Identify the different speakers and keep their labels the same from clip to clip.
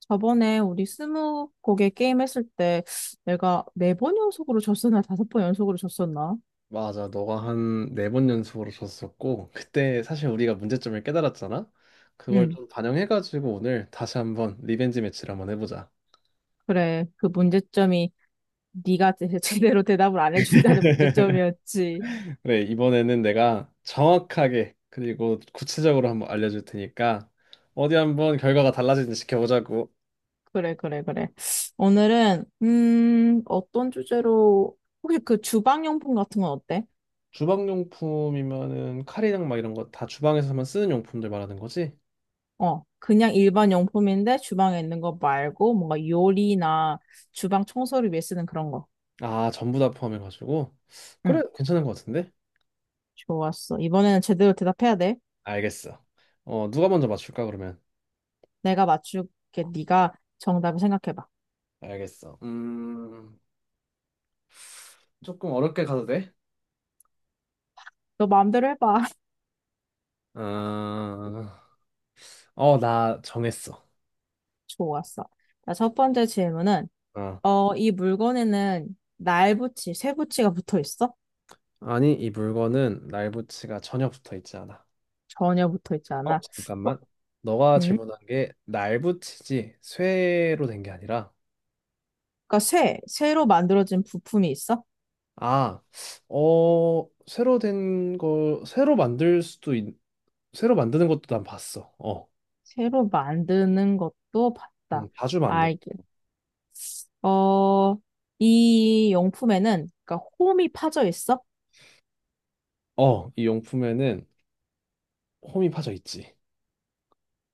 Speaker 1: 저번에 우리 스무 곡에 게임 했을 때 내가 네 번 연속으로 졌었나 다섯 번 연속으로 졌었나?
Speaker 2: 맞아. 너가 한 네 번 연속으로 줬었고, 그때 사실 우리가 문제점을 깨달았잖아? 그걸
Speaker 1: 응,
Speaker 2: 좀 반영해가지고 오늘 다시 한번 리벤지 매치를 한번 해보자.
Speaker 1: 그래. 그 문제점이 네가 제- 제대로 대답을 안 해준다는 문제점이었지.
Speaker 2: 그래, 이번에는 내가 정확하게 그리고 구체적으로 한번 알려줄 테니까 어디 한번 결과가 달라지는지 지켜보자고.
Speaker 1: 그래, 그래, 그래. 오늘은 어떤 주제로 혹시 그 주방용품 같은 건 어때?
Speaker 2: 주방용품이면은 칼이랑 막 이런 거 다 주방에서만 쓰는 용품들 말하는 거지?
Speaker 1: 어, 그냥 일반 용품인데 주방에 있는 거 말고 뭔가 요리나 주방 청소를 위해 쓰는 그런 거.
Speaker 2: 아, 전부 다 포함해가지고. 그래,
Speaker 1: 응,
Speaker 2: 괜찮은 것 같은데?
Speaker 1: 좋았어. 이번에는 제대로 대답해야 돼.
Speaker 2: 알겠어. 어, 누가 먼저 맞출까, 그러면?
Speaker 1: 내가 맞출게. 네가 정답을 생각해봐.
Speaker 2: 알겠어. 조금 어렵게 가도 돼?
Speaker 1: 너 마음대로 해봐.
Speaker 2: 아, 어, 나 정했어.
Speaker 1: 좋았어. 자, 첫 번째 질문은
Speaker 2: 어.
Speaker 1: 어, 이 물건에는 날붙이, 쇠붙이가 붙어 있어?
Speaker 2: 아니, 이 물건은 날붙이가 전혀 붙어 있지 않아.
Speaker 1: 전혀 붙어 있지
Speaker 2: 어,
Speaker 1: 않아. 어,
Speaker 2: 잠깐만. 너가
Speaker 1: 음?
Speaker 2: 질문한 게 날붙이지 쇠로 된 게 아니라
Speaker 1: 그러니까 쇠로 만들어진 부품이 있어?
Speaker 2: 아, 어, 쇠로 된 거, 쇠로 만들 수도 있, 쇠로 만드는 것도 난 봤어. 어,
Speaker 1: 새로 만드는 것도 봤다.
Speaker 2: 자주 만든.
Speaker 1: 알겠. 어, 이 용품에는 그러니까 홈이 파져 있어?
Speaker 2: 어, 이 용품에는 홈이 파져 있지.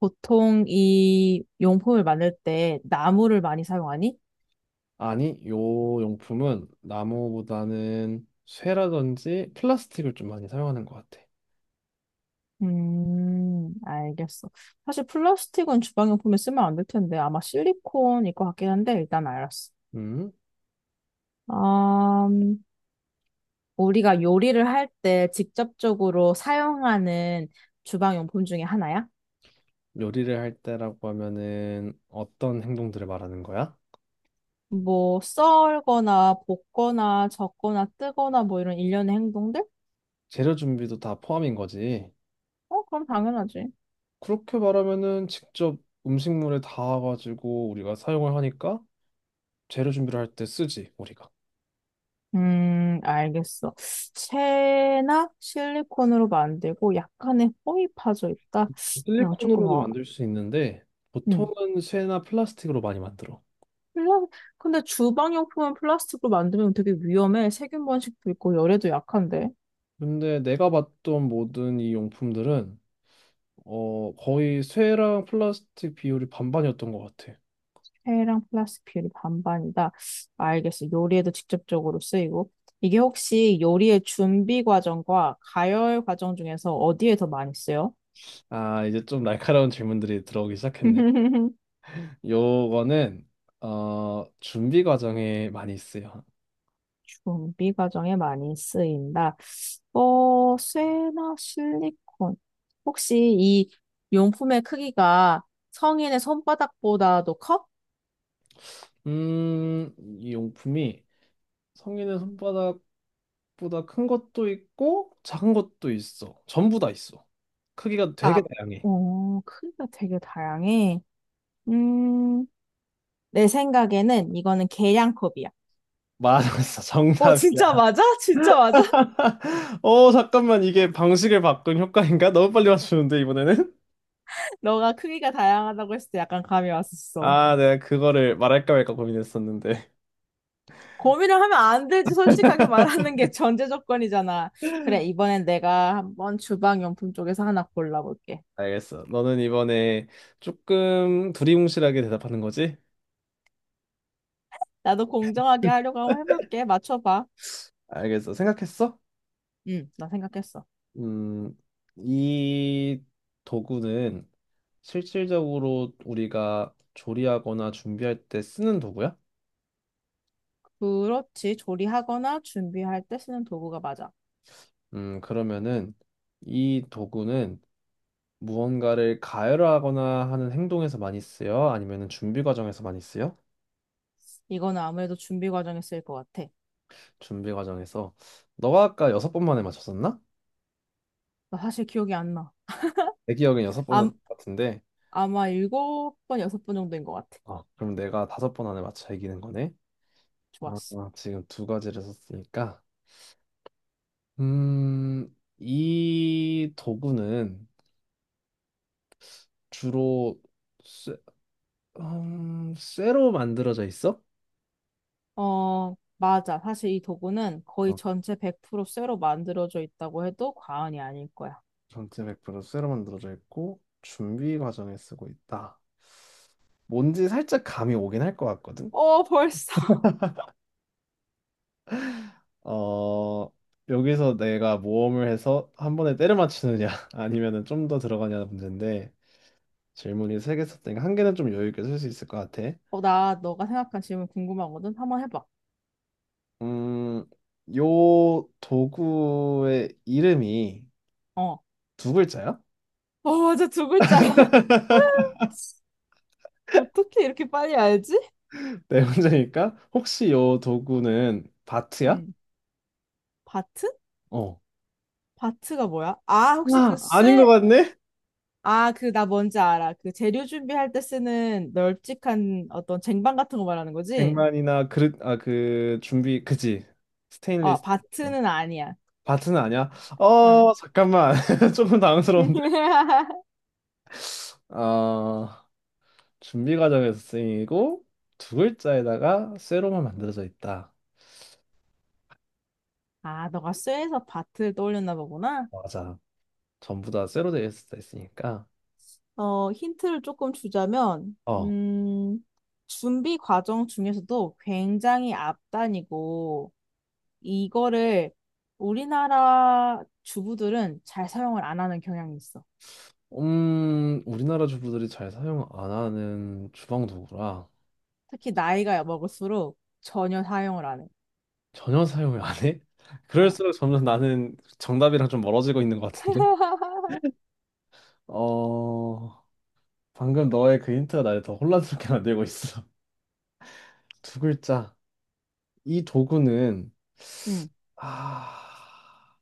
Speaker 1: 보통 이 용품을 만들 때 나무를 많이 사용하니?
Speaker 2: 아니, 요 용품은 나무보다는 쇠라든지 플라스틱을 좀 많이 사용하는 것 같아.
Speaker 1: 알겠어. 사실 플라스틱은 주방용품에 쓰면 안 될 텐데 아마 실리콘일 것 같긴 한데 일단 알았어.
Speaker 2: 음?
Speaker 1: 음, 우리가 요리를 할 때 직접적으로 사용하는 주방용품 중에 하나야?
Speaker 2: 요리를 할 때라고 하면은 어떤 행동들을 말하는 거야?
Speaker 1: 뭐 썰거나 볶거나 젓거나 뜨거나 뭐 이런 일련의 행동들?
Speaker 2: 재료 준비도 다 포함인 거지.
Speaker 1: 어, 그럼 당연하지.
Speaker 2: 그렇게 말하면은 직접 음식물에 닿아가지고 우리가 사용을 하니까 재료 준비를 할 때 쓰지, 우리가.
Speaker 1: 알겠어. 쇠나 실리콘으로 만들고 약간의 홈이 파져 있다. 이 조금
Speaker 2: 실리콘으로도
Speaker 1: 어.
Speaker 2: 만들 수 있는데
Speaker 1: 음.
Speaker 2: 보통은 쇠나 플라스틱으로 많이 만들어.
Speaker 1: 플라- 근데 주방용품은 플라스틱으로 만들면 되게 위험해. 세균 번식도 있고 열에도 약한데.
Speaker 2: 근데 내가 봤던 모든 이 용품들은 어, 거의 쇠랑 플라스틱 비율이 반반이었던 것 같아.
Speaker 1: 폐랑 플라스틱 비율이 반반이다. 알겠어. 요리에도 직접적으로 쓰이고. 이게 혹시 요리의 준비 과정과 가열 과정 중에서 어디에 더 많이 쓰여?
Speaker 2: 아, 이제 좀 날카로운 질문들이 들어오기 시작했네. 요거는, 어, 준비 과정에 많이 쓰요
Speaker 1: 준비 과정에 많이 쓰인다. 어, 쇠나 실리콘. 혹시 이 용품의 크기가 성인의 손바닥보다도 커?
Speaker 2: 이 용품이 성인의 손바닥보다 큰 것도 있고, 작은 것도 있어. 전부 다 있어. 크기가 되게
Speaker 1: 아,
Speaker 2: 다양해.
Speaker 1: 어, 크기가 되게 다양해. 음, 내 생각에는 이거는 계량컵이야.
Speaker 2: 맞았어,
Speaker 1: 어, 진짜
Speaker 2: 정답이야.
Speaker 1: 맞아? 진짜 맞아?
Speaker 2: 어, 잠깐만, 이게 방식을 바꾼 효과인가? 너무 빨리 맞추는데, 이번에는?
Speaker 1: 너가 크기가 다양하다고 했을 때 약간 감이 왔었어.
Speaker 2: 아, 내가 그거를 말할까 말까 고민했었는데.
Speaker 1: 고민을 하면 안 되지. 솔직하게 말하는 게 전제 조건이잖아. 그래, 이번엔 내가 한번 주방용품 쪽에서 하나 골라볼게.
Speaker 2: 알겠어. 너는 이번에 조금 두리뭉실하게 대답하는 거지?
Speaker 1: 나도 공정하게 하려고 한번 해볼게. 맞춰봐.
Speaker 2: 알겠어. 생각했어?
Speaker 1: 응, 나 생각했어.
Speaker 2: 음, 이 도구는 실질적으로 우리가 조리하거나 준비할 때 쓰는 도구야?
Speaker 1: 그렇지. 조리하거나 준비할 때 쓰는 도구가 맞아.
Speaker 2: 그러면은 이 도구는 무언가를 가열하거나 하는 행동에서 많이 쓰여? 아니면은 준비 과정에서 많이 쓰여?
Speaker 1: 이거는 아무래도 준비 과정에 쓰일 것 같아.
Speaker 2: 준비 과정에서. 너가 아까 여섯 번 만에 맞췄었나?
Speaker 1: 나 사실 기억이 안 나.
Speaker 2: 내 기억엔 여섯
Speaker 1: 아,
Speaker 2: 번이었던 것 같은데.
Speaker 1: 아마 일곱 번, 여섯 번 정도인 것 같아.
Speaker 2: 아, 그럼 내가 다섯 번 안에 맞춰 이기는 거네? 아,
Speaker 1: 좋았어.
Speaker 2: 아, 지금 두 가지를 썼으니까. 이 도구는 주로 쇠, 쇠로 만들어져 있어?
Speaker 1: 어, 맞아. 사실 이 도구는 거의
Speaker 2: 어,
Speaker 1: 전체 100% 쇠로 만들어져 있다고 해도 과언이 아닐 거야.
Speaker 2: 전체 100% 쇠로 만들어져 있고 준비 과정에 쓰고 있다. 뭔지 살짝 감이 오긴 할 것 같거든?
Speaker 1: 어, 벌써.
Speaker 2: 어, 여기서 내가 모험을 해서 한 번에 때려 맞추느냐 아니면은 좀 더 들어가냐는 문제인데 질문이 세 개 썼으니까 한 개는 좀 여유 있게 쓸 수 있을 것 같아.
Speaker 1: 어, 나 너가 생각한 질문 궁금하거든. 한번 해봐.
Speaker 2: 음, 요 도구의 이름이
Speaker 1: 어.
Speaker 2: 두 글자야?
Speaker 1: 어, 맞아. 두 글자야. 어떻게 이렇게 빨리 알지?
Speaker 2: 네 문제니까 혹시 요 도구는 바트야?
Speaker 1: 음. 바트?
Speaker 2: 어.
Speaker 1: 바트가 뭐야? 아, 혹시 그
Speaker 2: 아, 아닌 것
Speaker 1: 쇠,
Speaker 2: 같네?
Speaker 1: 아, 그, 나 뭔지 알아. 그 재료 준비할 때 쓰는 널찍한 어떤 쟁반 같은 거 말하는 거지?
Speaker 2: 백만이나 그릇, 아, 그 준비, 그지?
Speaker 1: 어,
Speaker 2: 스테인리스. 어.
Speaker 1: 바트는 아니야.
Speaker 2: 바트는 아니야?
Speaker 1: 응.
Speaker 2: 어, 잠깐만. 조금 당황스러운데. 어, 준비 과정에서 쓰이고 두 글자에다가 쇠로만 만들어져 있다.
Speaker 1: 아, 너가 쇠에서 바트를 떠올렸나 보구나.
Speaker 2: 맞아. 전부 다 쇠로 되어 있을 수 있으니까.
Speaker 1: 어, 힌트를 조금 주자면,
Speaker 2: 어.
Speaker 1: 준비 과정 중에서도 굉장히 앞단이고, 이거를 우리나라 주부들은 잘 사용을 안 하는 경향이 있어.
Speaker 2: 우리나라 주부들이 잘 사용 안 하는 주방 도구라
Speaker 1: 특히 나이가 먹을수록 전혀 사용을 안 해.
Speaker 2: 전혀 사용을 안 해?
Speaker 1: 어.
Speaker 2: 그럴수록 점점 나는 정답이랑 좀 멀어지고 있는 것 같은데? 어, 방금 너의 그 힌트가 나를 더 혼란스럽게 만들고 있어. 두 글자. 이 도구는,
Speaker 1: 응,
Speaker 2: 아,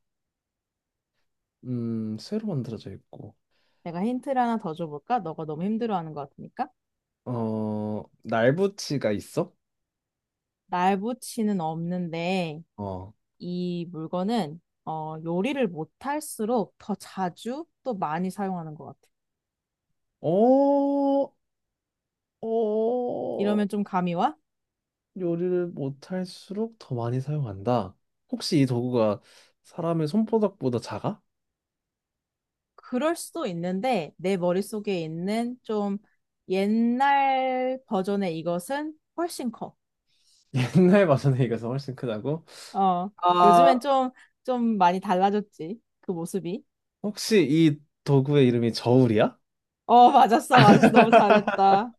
Speaker 2: 쇠로 만들어져 있고,
Speaker 1: 내가 힌트를 하나 더 줘볼까? 너가 너무 힘들어하는 것 같으니까.
Speaker 2: 어, 날붙이가 있어?
Speaker 1: 날 붙이는 없는데,
Speaker 2: 어,
Speaker 1: 이 물건은 어, 요리를 못할수록 더 자주 또 많이 사용하는 것 같아.
Speaker 2: 어, 어,
Speaker 1: 이러면 좀 감이 와?
Speaker 2: 요리를 못할수록 더 많이 사용한다. 혹시 이 도구가 사람의 손바닥보다 작아?
Speaker 1: 그럴 수도 있는데 내 머릿속에 있는 좀 옛날 버전의 이것은 훨씬 커.
Speaker 2: 옛날 버전에 이가서 훨씬 크다고?
Speaker 1: 어,
Speaker 2: 아,
Speaker 1: 요즘엔 좀, 좀 많이 달라졌지. 그 모습이.
Speaker 2: 혹시 이 도구의 이름이 저울이야?
Speaker 1: 어, 맞았어, 맞았어. 너무 잘했다.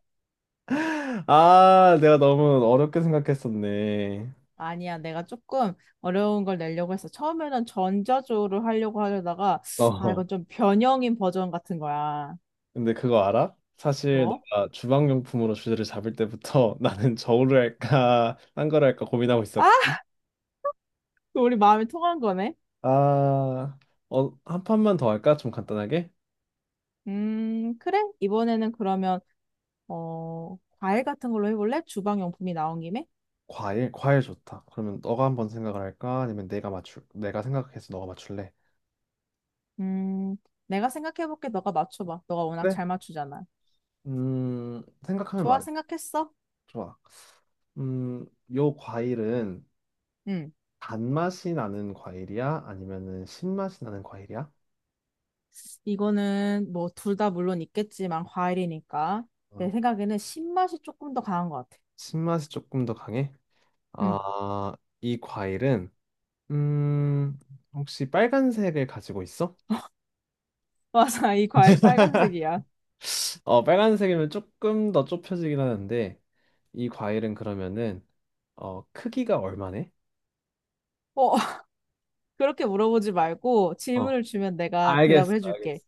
Speaker 2: 아, 내가 너무 어렵게 생각했었네.
Speaker 1: 아니야, 내가 조금 어려운 걸 내려고 했어. 처음에는 전자조를 하려고 하려다가, 아,
Speaker 2: 어,
Speaker 1: 이건 좀 변형인 버전 같은 거야.
Speaker 2: 근데 그거 알아? 사실
Speaker 1: 뭐?
Speaker 2: 너가 주방용품으로 주제를 잡을 때부터 나는 저울을 할까, 딴 걸 할까 고민하고
Speaker 1: 아,
Speaker 2: 있었거든.
Speaker 1: 우리 마음이 통한 거네.
Speaker 2: 아, 어, 한 판만 더 할까? 좀 간단하게?
Speaker 1: 그래. 이번에는 그러면, 어, 과일 같은 걸로 해볼래? 주방용품이 나온 김에?
Speaker 2: 과일, 과일 좋다. 그러면 너가 한번 생각을 할까? 아니면 내가 생각해서 너가 맞출래?
Speaker 1: 음, 내가 생각해볼게. 너가 맞춰봐. 너가 워낙
Speaker 2: 그래?
Speaker 1: 잘 맞추잖아.
Speaker 2: 생각하면
Speaker 1: 좋아,
Speaker 2: 말해.
Speaker 1: 생각했어?
Speaker 2: 좋아. 음, 요 과일은
Speaker 1: 응.
Speaker 2: 단맛이 나는 과일이야? 아니면은 신맛이 나는 과일이야?
Speaker 1: 이거는 뭐 둘 다 물론 있겠지만 과일이니까 내
Speaker 2: 어,
Speaker 1: 생각에는 신맛이 조금 더 강한 것 같아.
Speaker 2: 신맛이 조금 더 강해?
Speaker 1: 응.
Speaker 2: 아, 이 과일은 음, 혹시 빨간색을 가지고 있어?
Speaker 1: 맞아, 이 과일 빨간색이야.
Speaker 2: 어, 빨간색이면 조금 더 좁혀지긴 하는데 이 과일은 그러면은 어, 크기가 얼마네?
Speaker 1: 어, 그렇게 물어보지 말고 질문을 주면 내가
Speaker 2: 알겠어,
Speaker 1: 대답을 해줄게.
Speaker 2: 알겠어.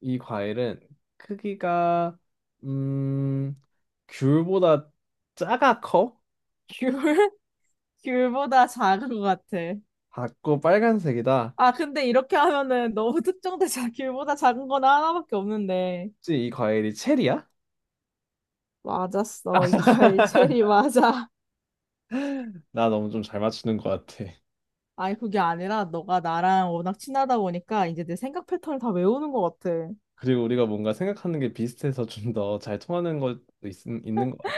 Speaker 2: 이 과일은 크기가 음 귤보다 작아 커?
Speaker 1: 귤? 귤보다 작은 것 같아.
Speaker 2: 작고 빨간색이다.
Speaker 1: 아, 근데 이렇게 하면은 너무 특정대장 귤보다 작은 거는 하나밖에 없는데.
Speaker 2: 혹시 이 과일이 체리야?
Speaker 1: 맞았어. 이거 알체리 맞아.
Speaker 2: 나 너무 좀 잘 맞추는 것 같아.
Speaker 1: 아니, 그게 아니라 너가 나랑 워낙 친하다 보니까 이제 내 생각 패턴을 다 외우는 것 같아.
Speaker 2: 그리고 우리가 뭔가 생각하는 게 비슷해서 좀 더 잘 통하는 것도 있는 것 같아.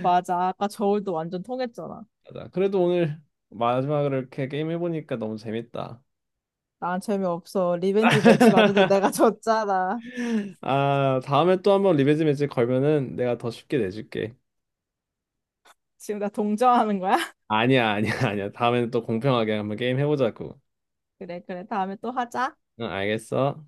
Speaker 1: 맞아. 아까 저울도 완전 통했잖아.
Speaker 2: 맞아. 그래도 오늘 마지막으로 이렇게 게임 해보니까 너무 재밌다.
Speaker 1: 난 재미없어. 리벤지 매치 맞아도 내가 졌잖아.
Speaker 2: 아, 다음에 또 한번 리베지 매치 걸면은 내가 더 쉽게 내줄게.
Speaker 1: 지금 나 동정하는 거야?
Speaker 2: 아니야, 아니야, 아니야. 다음에는 또 공평하게 한번 게임 해보자고.
Speaker 1: 그래, 그래. 다음에 또 하자.
Speaker 2: 응, 알겠어.